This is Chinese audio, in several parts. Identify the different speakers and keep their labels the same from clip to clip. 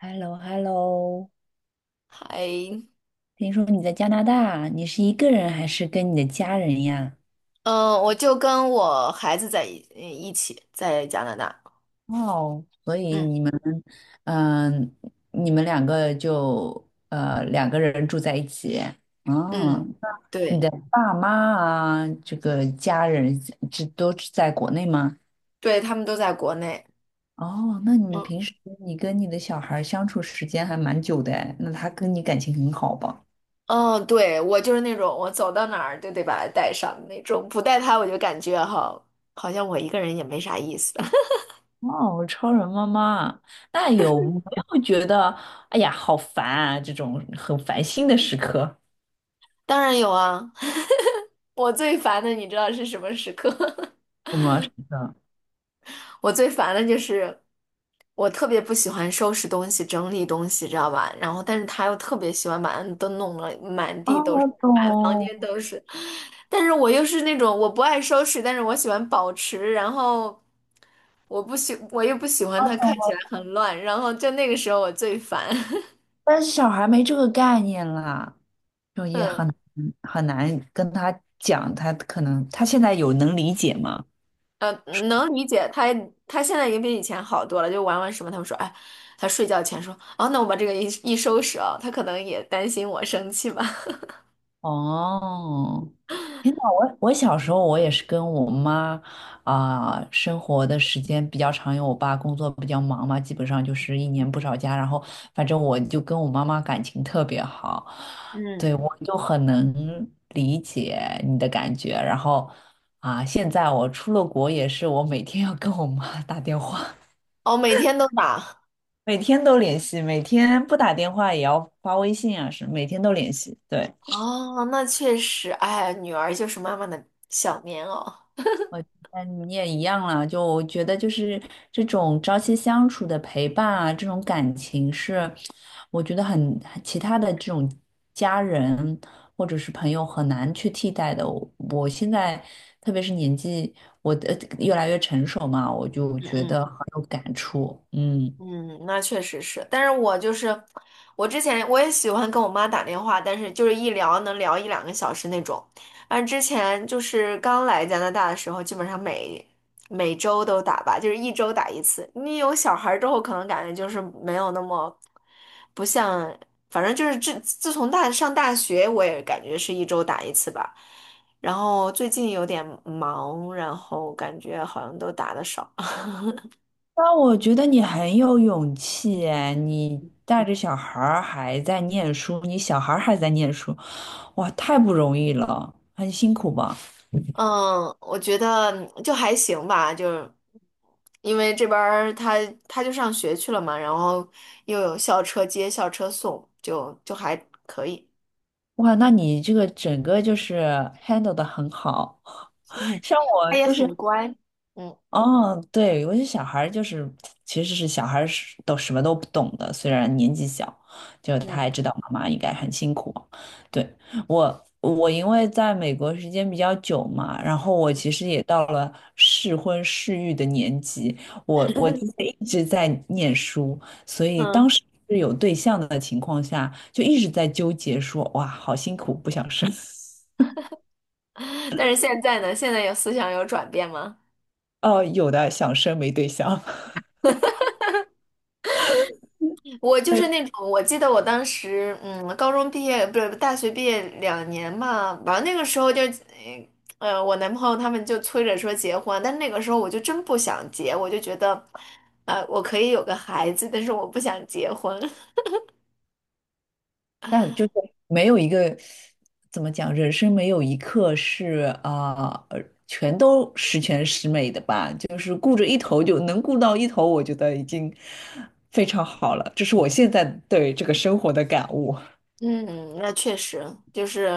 Speaker 1: h e l l o h e l l o
Speaker 2: 还，
Speaker 1: 听说你在加拿大，你是一个人还是跟你的家人呀？
Speaker 2: 嗯，我就跟我孩子在一起在加拿大。
Speaker 1: 哦，所以
Speaker 2: 嗯
Speaker 1: 你们，嗯、你们两个2个人住在一起，
Speaker 2: 嗯，
Speaker 1: 嗯，你
Speaker 2: 对
Speaker 1: 的爸妈啊，这个家人这都是在国内吗？
Speaker 2: 对，他们都在国内。
Speaker 1: 哦，那你
Speaker 2: 嗯
Speaker 1: 平时你跟你的小孩儿相处时间还蛮久的哎那他跟你感情很好吧？
Speaker 2: 嗯，对，我就是那种我走到哪儿就得把他带上的那种，不带他我就感觉哈，好像我一个人也没啥意思。
Speaker 1: 哦，超人妈妈，那有没有觉得，哎呀，好烦啊，这种很烦心的时刻？
Speaker 2: 当然有啊，我最烦的你知道是什么时刻？
Speaker 1: 什么时刻？
Speaker 2: 我最烦的就是我特别不喜欢收拾东西、整理东西，知道吧？然后但是他又特别喜欢把都弄得满
Speaker 1: 啊，
Speaker 2: 地都是。
Speaker 1: 我懂，
Speaker 2: 都是，但是我又是那种我不爱收拾，但是我喜欢保持，然后我又不喜欢
Speaker 1: 我
Speaker 2: 它看
Speaker 1: 懂
Speaker 2: 起来
Speaker 1: 了，
Speaker 2: 很乱，然后就那个时候我最烦。
Speaker 1: 但是小孩没这个概念啦，就 也
Speaker 2: 嗯，
Speaker 1: 很难跟他讲，他可能他现在有能理解吗？
Speaker 2: 呃，能理解他，他现在也比以前好多了，就玩玩什么，他们说，哎，他睡觉前说，哦，那我把这个一一收拾啊，他可能也担心我生气吧。
Speaker 1: 哦，天呐，我小时候我也是跟我妈啊、生活的时间比较长，因为我爸工作比较忙嘛，基本上就是一年不着家。然后反正我就跟我妈妈感情特别好，
Speaker 2: 嗯，
Speaker 1: 对，我就很能理解你的感觉。然后啊、现在我出了国也是，我每天要跟我妈 打电话，
Speaker 2: 哦，每天都打。
Speaker 1: 每天都联系，每天不打电话也要发微信啊，是每天都联系，对。
Speaker 2: 哦，那确实，哎，女儿就是妈妈的小棉袄。
Speaker 1: 嗯，你也一样了，就我觉得就是这种朝夕相处的陪伴啊，这种感情是，我觉得很其他的这种家人或者是朋友很难去替代的。我现在特别是年纪，我的越来越成熟嘛，我就
Speaker 2: 嗯
Speaker 1: 觉
Speaker 2: 嗯。
Speaker 1: 得很有感触。嗯，
Speaker 2: 嗯，那确实是，但是我就是我之前我也喜欢跟我妈打电话，但是就是一聊能聊一两个小时那种。但之前就是刚来加拿大的时候，基本上每周都打吧，就是一周打一次。你有小孩儿之后，可能感觉就是没有那么不像，反正就是自从上大学，我也感觉是一周打一次吧。然后最近有点忙，然后感觉好像都打的少。
Speaker 1: 那我觉得你很有勇气哎，你带着小孩儿还在念书，你小孩儿还在念书，哇，太不容易了，很辛苦吧。
Speaker 2: 嗯，我觉得就还行吧，就是因为这边儿他就上学去了嘛，然后又有校车接、校车送，就还可以。
Speaker 1: 哇，那你这个整个就是 handle 的很好，像
Speaker 2: 他
Speaker 1: 我
Speaker 2: 也
Speaker 1: 就是，
Speaker 2: 很乖，嗯
Speaker 1: 哦，对，有些小孩儿就是，其实是小孩儿是都什么都不懂的，虽然年纪小，就他
Speaker 2: 嗯
Speaker 1: 也知道妈妈应该很辛苦。对，我，我因为在美国时间比较久嘛，然后我其实也到了适婚适育的年纪，我之前一直在念书，所以当
Speaker 2: 嗯。
Speaker 1: 时是有对象的情况下，就一直在纠结说，哇，好辛苦，不想生。
Speaker 2: 但是现在呢，现在有思想有转变吗？
Speaker 1: 哦，有的想生没对象，
Speaker 2: 我 就是
Speaker 1: 对，
Speaker 2: 那种，我记得我当时，嗯，高中毕业不是大学毕业2年嘛，完了那个时候就，我男朋友他们就催着说结婚，但那个时候我就真不想结，我就觉得，我可以有个孩子，但是我不想结婚。
Speaker 1: 但就是没有一个怎么讲，人生没有一刻是啊、全都十全十美的吧。就是顾着一头就能顾到一头，我觉得已经非常好了。这是我现在对这个生活的感悟
Speaker 2: 嗯，那确实就是，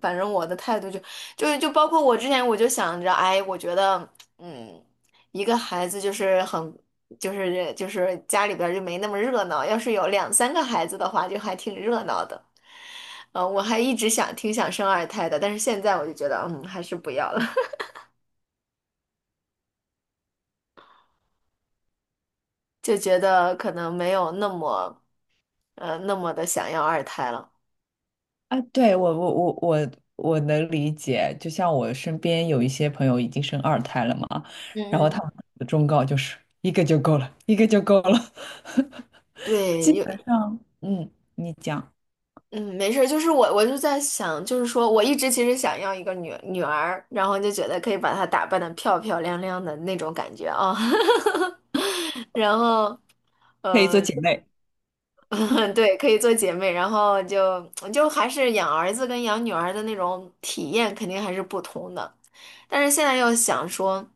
Speaker 2: 反正我的态度就包括我之前我就想着，哎，我觉得，嗯，一个孩子就是就是家里边儿就没那么热闹，要是有两三个孩子的话，就还挺热闹的。我还一直挺想生二胎的，但是现在我就觉得，嗯，还是不要了。就觉得可能没有那么的想要二胎了。
Speaker 1: 啊。对，我能理解，就像我身边有一些朋友已经生二胎了嘛，然后
Speaker 2: 嗯
Speaker 1: 他
Speaker 2: 嗯，
Speaker 1: 们的忠告就是一个就够了，一个就够了。基
Speaker 2: 对，
Speaker 1: 本上，嗯，你讲
Speaker 2: 嗯，没事儿，就是我就在想，就是说我一直其实想要一个女儿，然后就觉得可以把她打扮的漂漂亮亮的那种感觉啊。然后，
Speaker 1: 可以做
Speaker 2: 呃。
Speaker 1: 姐妹，
Speaker 2: 对，可以做姐妹，然后就还是养儿子跟养女儿的那种体验肯定还是不同的。但是现在又想说，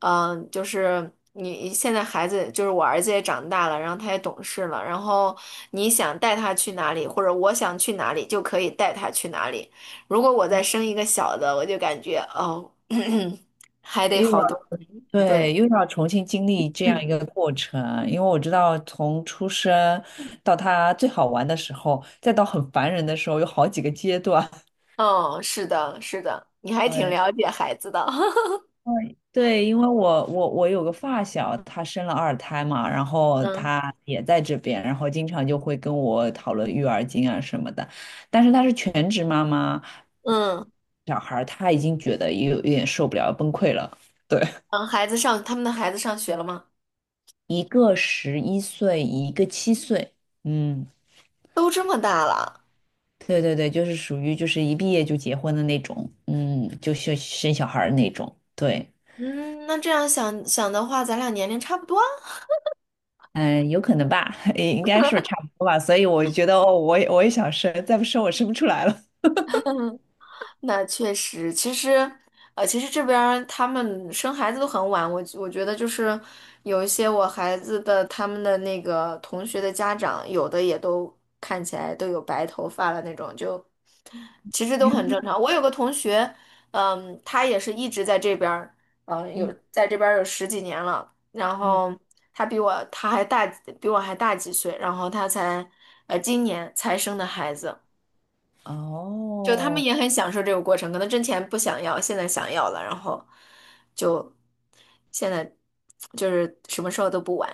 Speaker 2: 嗯、就是你现在孩子，就是我儿子也长大了，然后他也懂事了，然后你想带他去哪里，或者我想去哪里，就可以带他去哪里。如果我再生一个小的，我就感觉哦，还得
Speaker 1: 又要
Speaker 2: 好多。
Speaker 1: 对，
Speaker 2: 对，
Speaker 1: 又要重新经历这样
Speaker 2: 嗯，
Speaker 1: 一个过程，因为我知道从出生到他最好玩的时候，再到很烦人的时候，有好几个阶段。
Speaker 2: 哦，是的，是的，你还挺
Speaker 1: 对，
Speaker 2: 了解孩子的。
Speaker 1: 对，对，因为我有个发小，她生了二胎嘛，然 后
Speaker 2: 嗯
Speaker 1: 她也在这边，然后经常就会跟我讨论育儿经啊什么的，但是她是全职妈妈，
Speaker 2: 嗯。
Speaker 1: 小孩儿她已经觉得有点受不了，崩溃了。对。
Speaker 2: 嗯，孩子上，他们的孩子上学了吗？
Speaker 1: 一个11岁，一个7岁。嗯，
Speaker 2: 都这么大了。
Speaker 1: 对对对，就是属于就是一毕业就结婚的那种，嗯，就生小孩儿那种。对，
Speaker 2: 嗯，那这样想想的话，咱俩年龄差不多啊。
Speaker 1: 嗯，有可能吧，应该是差不多吧。所以我觉得，哦，我也我也想生，再不生我生不出来了。
Speaker 2: 那确实，其实这边儿他们生孩子都很晚。我觉得就是有一些我孩子的他们的那个同学的家长，有的也都看起来都有白头发了那种，就 其实都
Speaker 1: 天
Speaker 2: 很
Speaker 1: 呐，
Speaker 2: 正常。我有个同学，嗯，他也是一直在这边儿，嗯，有
Speaker 1: 嗯
Speaker 2: 在这边儿有十几年了。然
Speaker 1: 嗯，
Speaker 2: 后他比我他还大几，比我还大几岁。然后他才，今年才生的孩子。就他们
Speaker 1: 哦。
Speaker 2: 也很享受这个过程，可能之前不想要，现在想要了，然后就现在就是什么时候都不晚。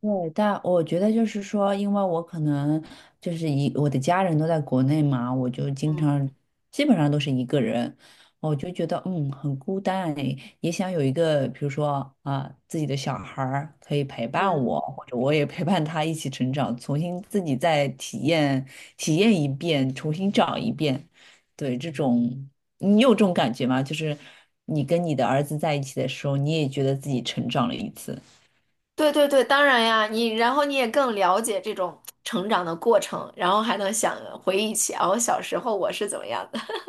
Speaker 1: 对，但我觉得就是说，因为我可能就是一我的家人都在国内嘛，我就经
Speaker 2: 嗯
Speaker 1: 常基本上都是一个人，我就觉得嗯很孤单诶也想有一个比如说啊自己的小孩儿可以陪伴
Speaker 2: 嗯。
Speaker 1: 我，或者我也陪伴他一起成长，重新自己再体验体验一遍，重新找一遍。对，这种你有这种感觉吗？就是你跟你的儿子在一起的时候，你也觉得自己成长了一次。
Speaker 2: 对对对，当然呀，然后你也更了解这种成长的过程，然后还能想回忆起哦，小时候我是怎么样的。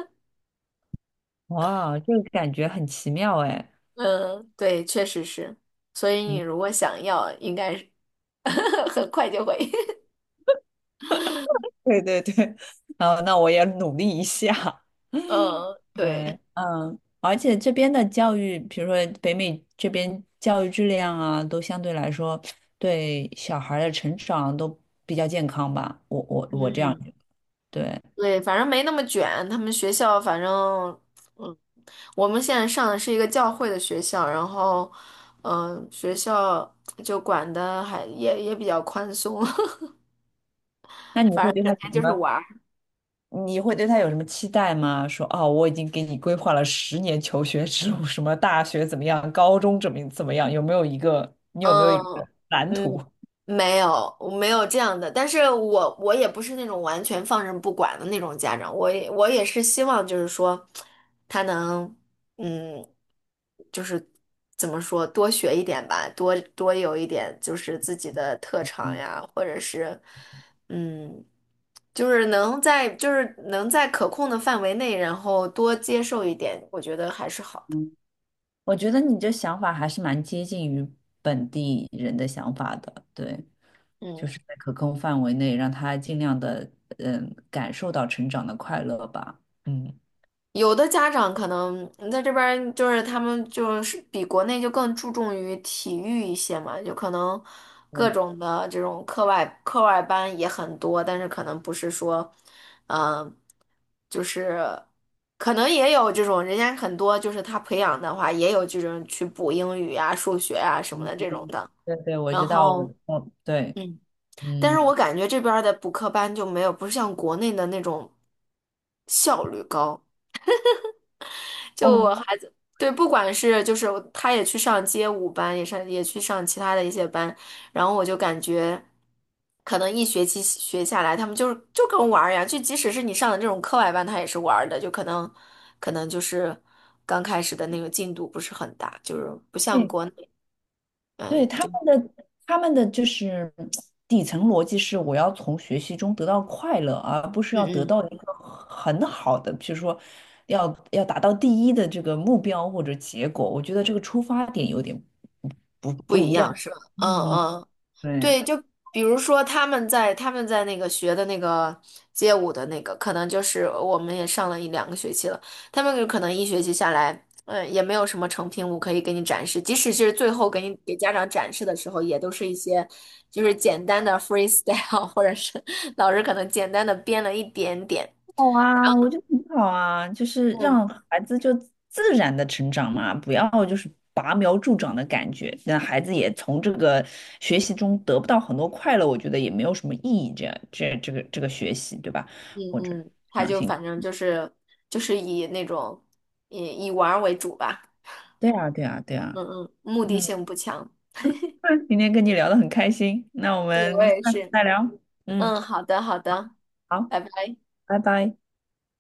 Speaker 1: 哇，这个感觉很奇妙哎。
Speaker 2: 嗯，对，确实是。所以你
Speaker 1: 嗯，
Speaker 2: 如果想要，应该是 很快就会。
Speaker 1: 对对对，啊，那我也努力一下。
Speaker 2: 嗯，
Speaker 1: 对，
Speaker 2: 对，
Speaker 1: 嗯，而且这边的教育，比如说北美这边教育质量啊，都相对来说对小孩儿的成长都比较健康吧。我这样
Speaker 2: 嗯，
Speaker 1: 觉得对，
Speaker 2: 对，反正没那么卷。他们学校反正，嗯，我们现在上的是一个教会的学校，然后，嗯，学校就管的还也比较宽松。
Speaker 1: 那 你
Speaker 2: 反
Speaker 1: 会
Speaker 2: 正
Speaker 1: 对他
Speaker 2: 整
Speaker 1: 有
Speaker 2: 天
Speaker 1: 什
Speaker 2: 就是
Speaker 1: 么？
Speaker 2: 玩。
Speaker 1: 你会对他有什么期待吗？说哦，我已经给你规划了10年求学之路，什么大学怎么样，高中怎么样，有没有一个你有没有一个
Speaker 2: 嗯
Speaker 1: 蓝图？
Speaker 2: 嗯，没有，我没有这样的。但是我也不是那种完全放任不管的那种家长，我也是希望就是说，他能嗯，就是怎么说，多学一点吧，多有一点就是自己的特长呀，或者是嗯，就是能在可控的范围内，然后多接受一点，我觉得还是好的。
Speaker 1: 嗯，我觉得你这想法还是蛮接近于本地人的想法的，对，就
Speaker 2: 嗯。
Speaker 1: 是在可控范围内，让他尽量的嗯感受到成长的快乐吧。嗯，
Speaker 2: 有的家长可能在这边儿就是他们就是比国内就更注重于体育一些嘛，就可能各
Speaker 1: 对
Speaker 2: 种的这种课外班也很多，但是可能不是说，嗯、就是可能也有这种人家很多就是他培养的话也有这种去补英语啊、数学啊什么的这种的，
Speaker 1: 对对，我
Speaker 2: 然
Speaker 1: 知道，我
Speaker 2: 后
Speaker 1: 嗯对，
Speaker 2: 嗯，但是
Speaker 1: 嗯
Speaker 2: 我感觉这边儿的补课班就没有不是像国内的那种效率高。就
Speaker 1: 哦，
Speaker 2: 我孩子，对，不管是就是他也去上街舞班，也去上其他的一些班，然后我就感觉，可能一学期学下来，他们就是跟玩儿一样，就即使是你上的这种课外班，他也是玩儿的，就可能就是刚开始的那个进度不是很大，就是不像
Speaker 1: 对
Speaker 2: 国内，
Speaker 1: 对，
Speaker 2: 嗯，
Speaker 1: 他
Speaker 2: 就
Speaker 1: 们的他们的就是底层逻辑是，我要从学习中得到快乐，而不是
Speaker 2: 嗯
Speaker 1: 要得
Speaker 2: 嗯
Speaker 1: 到一个很好的，就是说要要达到第一的这个目标或者结果。我觉得这个出发点有点不
Speaker 2: 不
Speaker 1: 不
Speaker 2: 一
Speaker 1: 一
Speaker 2: 样
Speaker 1: 样。
Speaker 2: 是吧？嗯
Speaker 1: 嗯，
Speaker 2: 嗯。
Speaker 1: 对。
Speaker 2: 对，就比如说他们在那个学的那个街舞的那个，可能就是我们也上了一两个学期了，他们有可能一学期下来，嗯，也没有什么成品舞可以给你展示，即使是最后给家长展示的时候，也都是一些就是简单的 freestyle，或者是老师可能简单的编了一点点。
Speaker 1: 好啊，我觉得很好啊，就是
Speaker 2: 嗯
Speaker 1: 让孩子就自然的成长嘛，不要就是拔苗助长的感觉，让孩子也从这个学习中得不到很多快乐，我觉得也没有什么意义这样。这个学习，对吧？
Speaker 2: 嗯
Speaker 1: 或者
Speaker 2: 嗯，他
Speaker 1: 良
Speaker 2: 就
Speaker 1: 性，
Speaker 2: 反正就是以那种以以玩儿为主吧，
Speaker 1: 对啊，对啊，对啊，
Speaker 2: 嗯嗯，目的
Speaker 1: 嗯，
Speaker 2: 性不强。
Speaker 1: 那今天跟你聊得很开心，那我
Speaker 2: 对，我
Speaker 1: 们
Speaker 2: 也
Speaker 1: 下次
Speaker 2: 是。
Speaker 1: 再聊，嗯，
Speaker 2: 嗯，好的，好的，
Speaker 1: 好，
Speaker 2: 拜拜。
Speaker 1: 拜拜。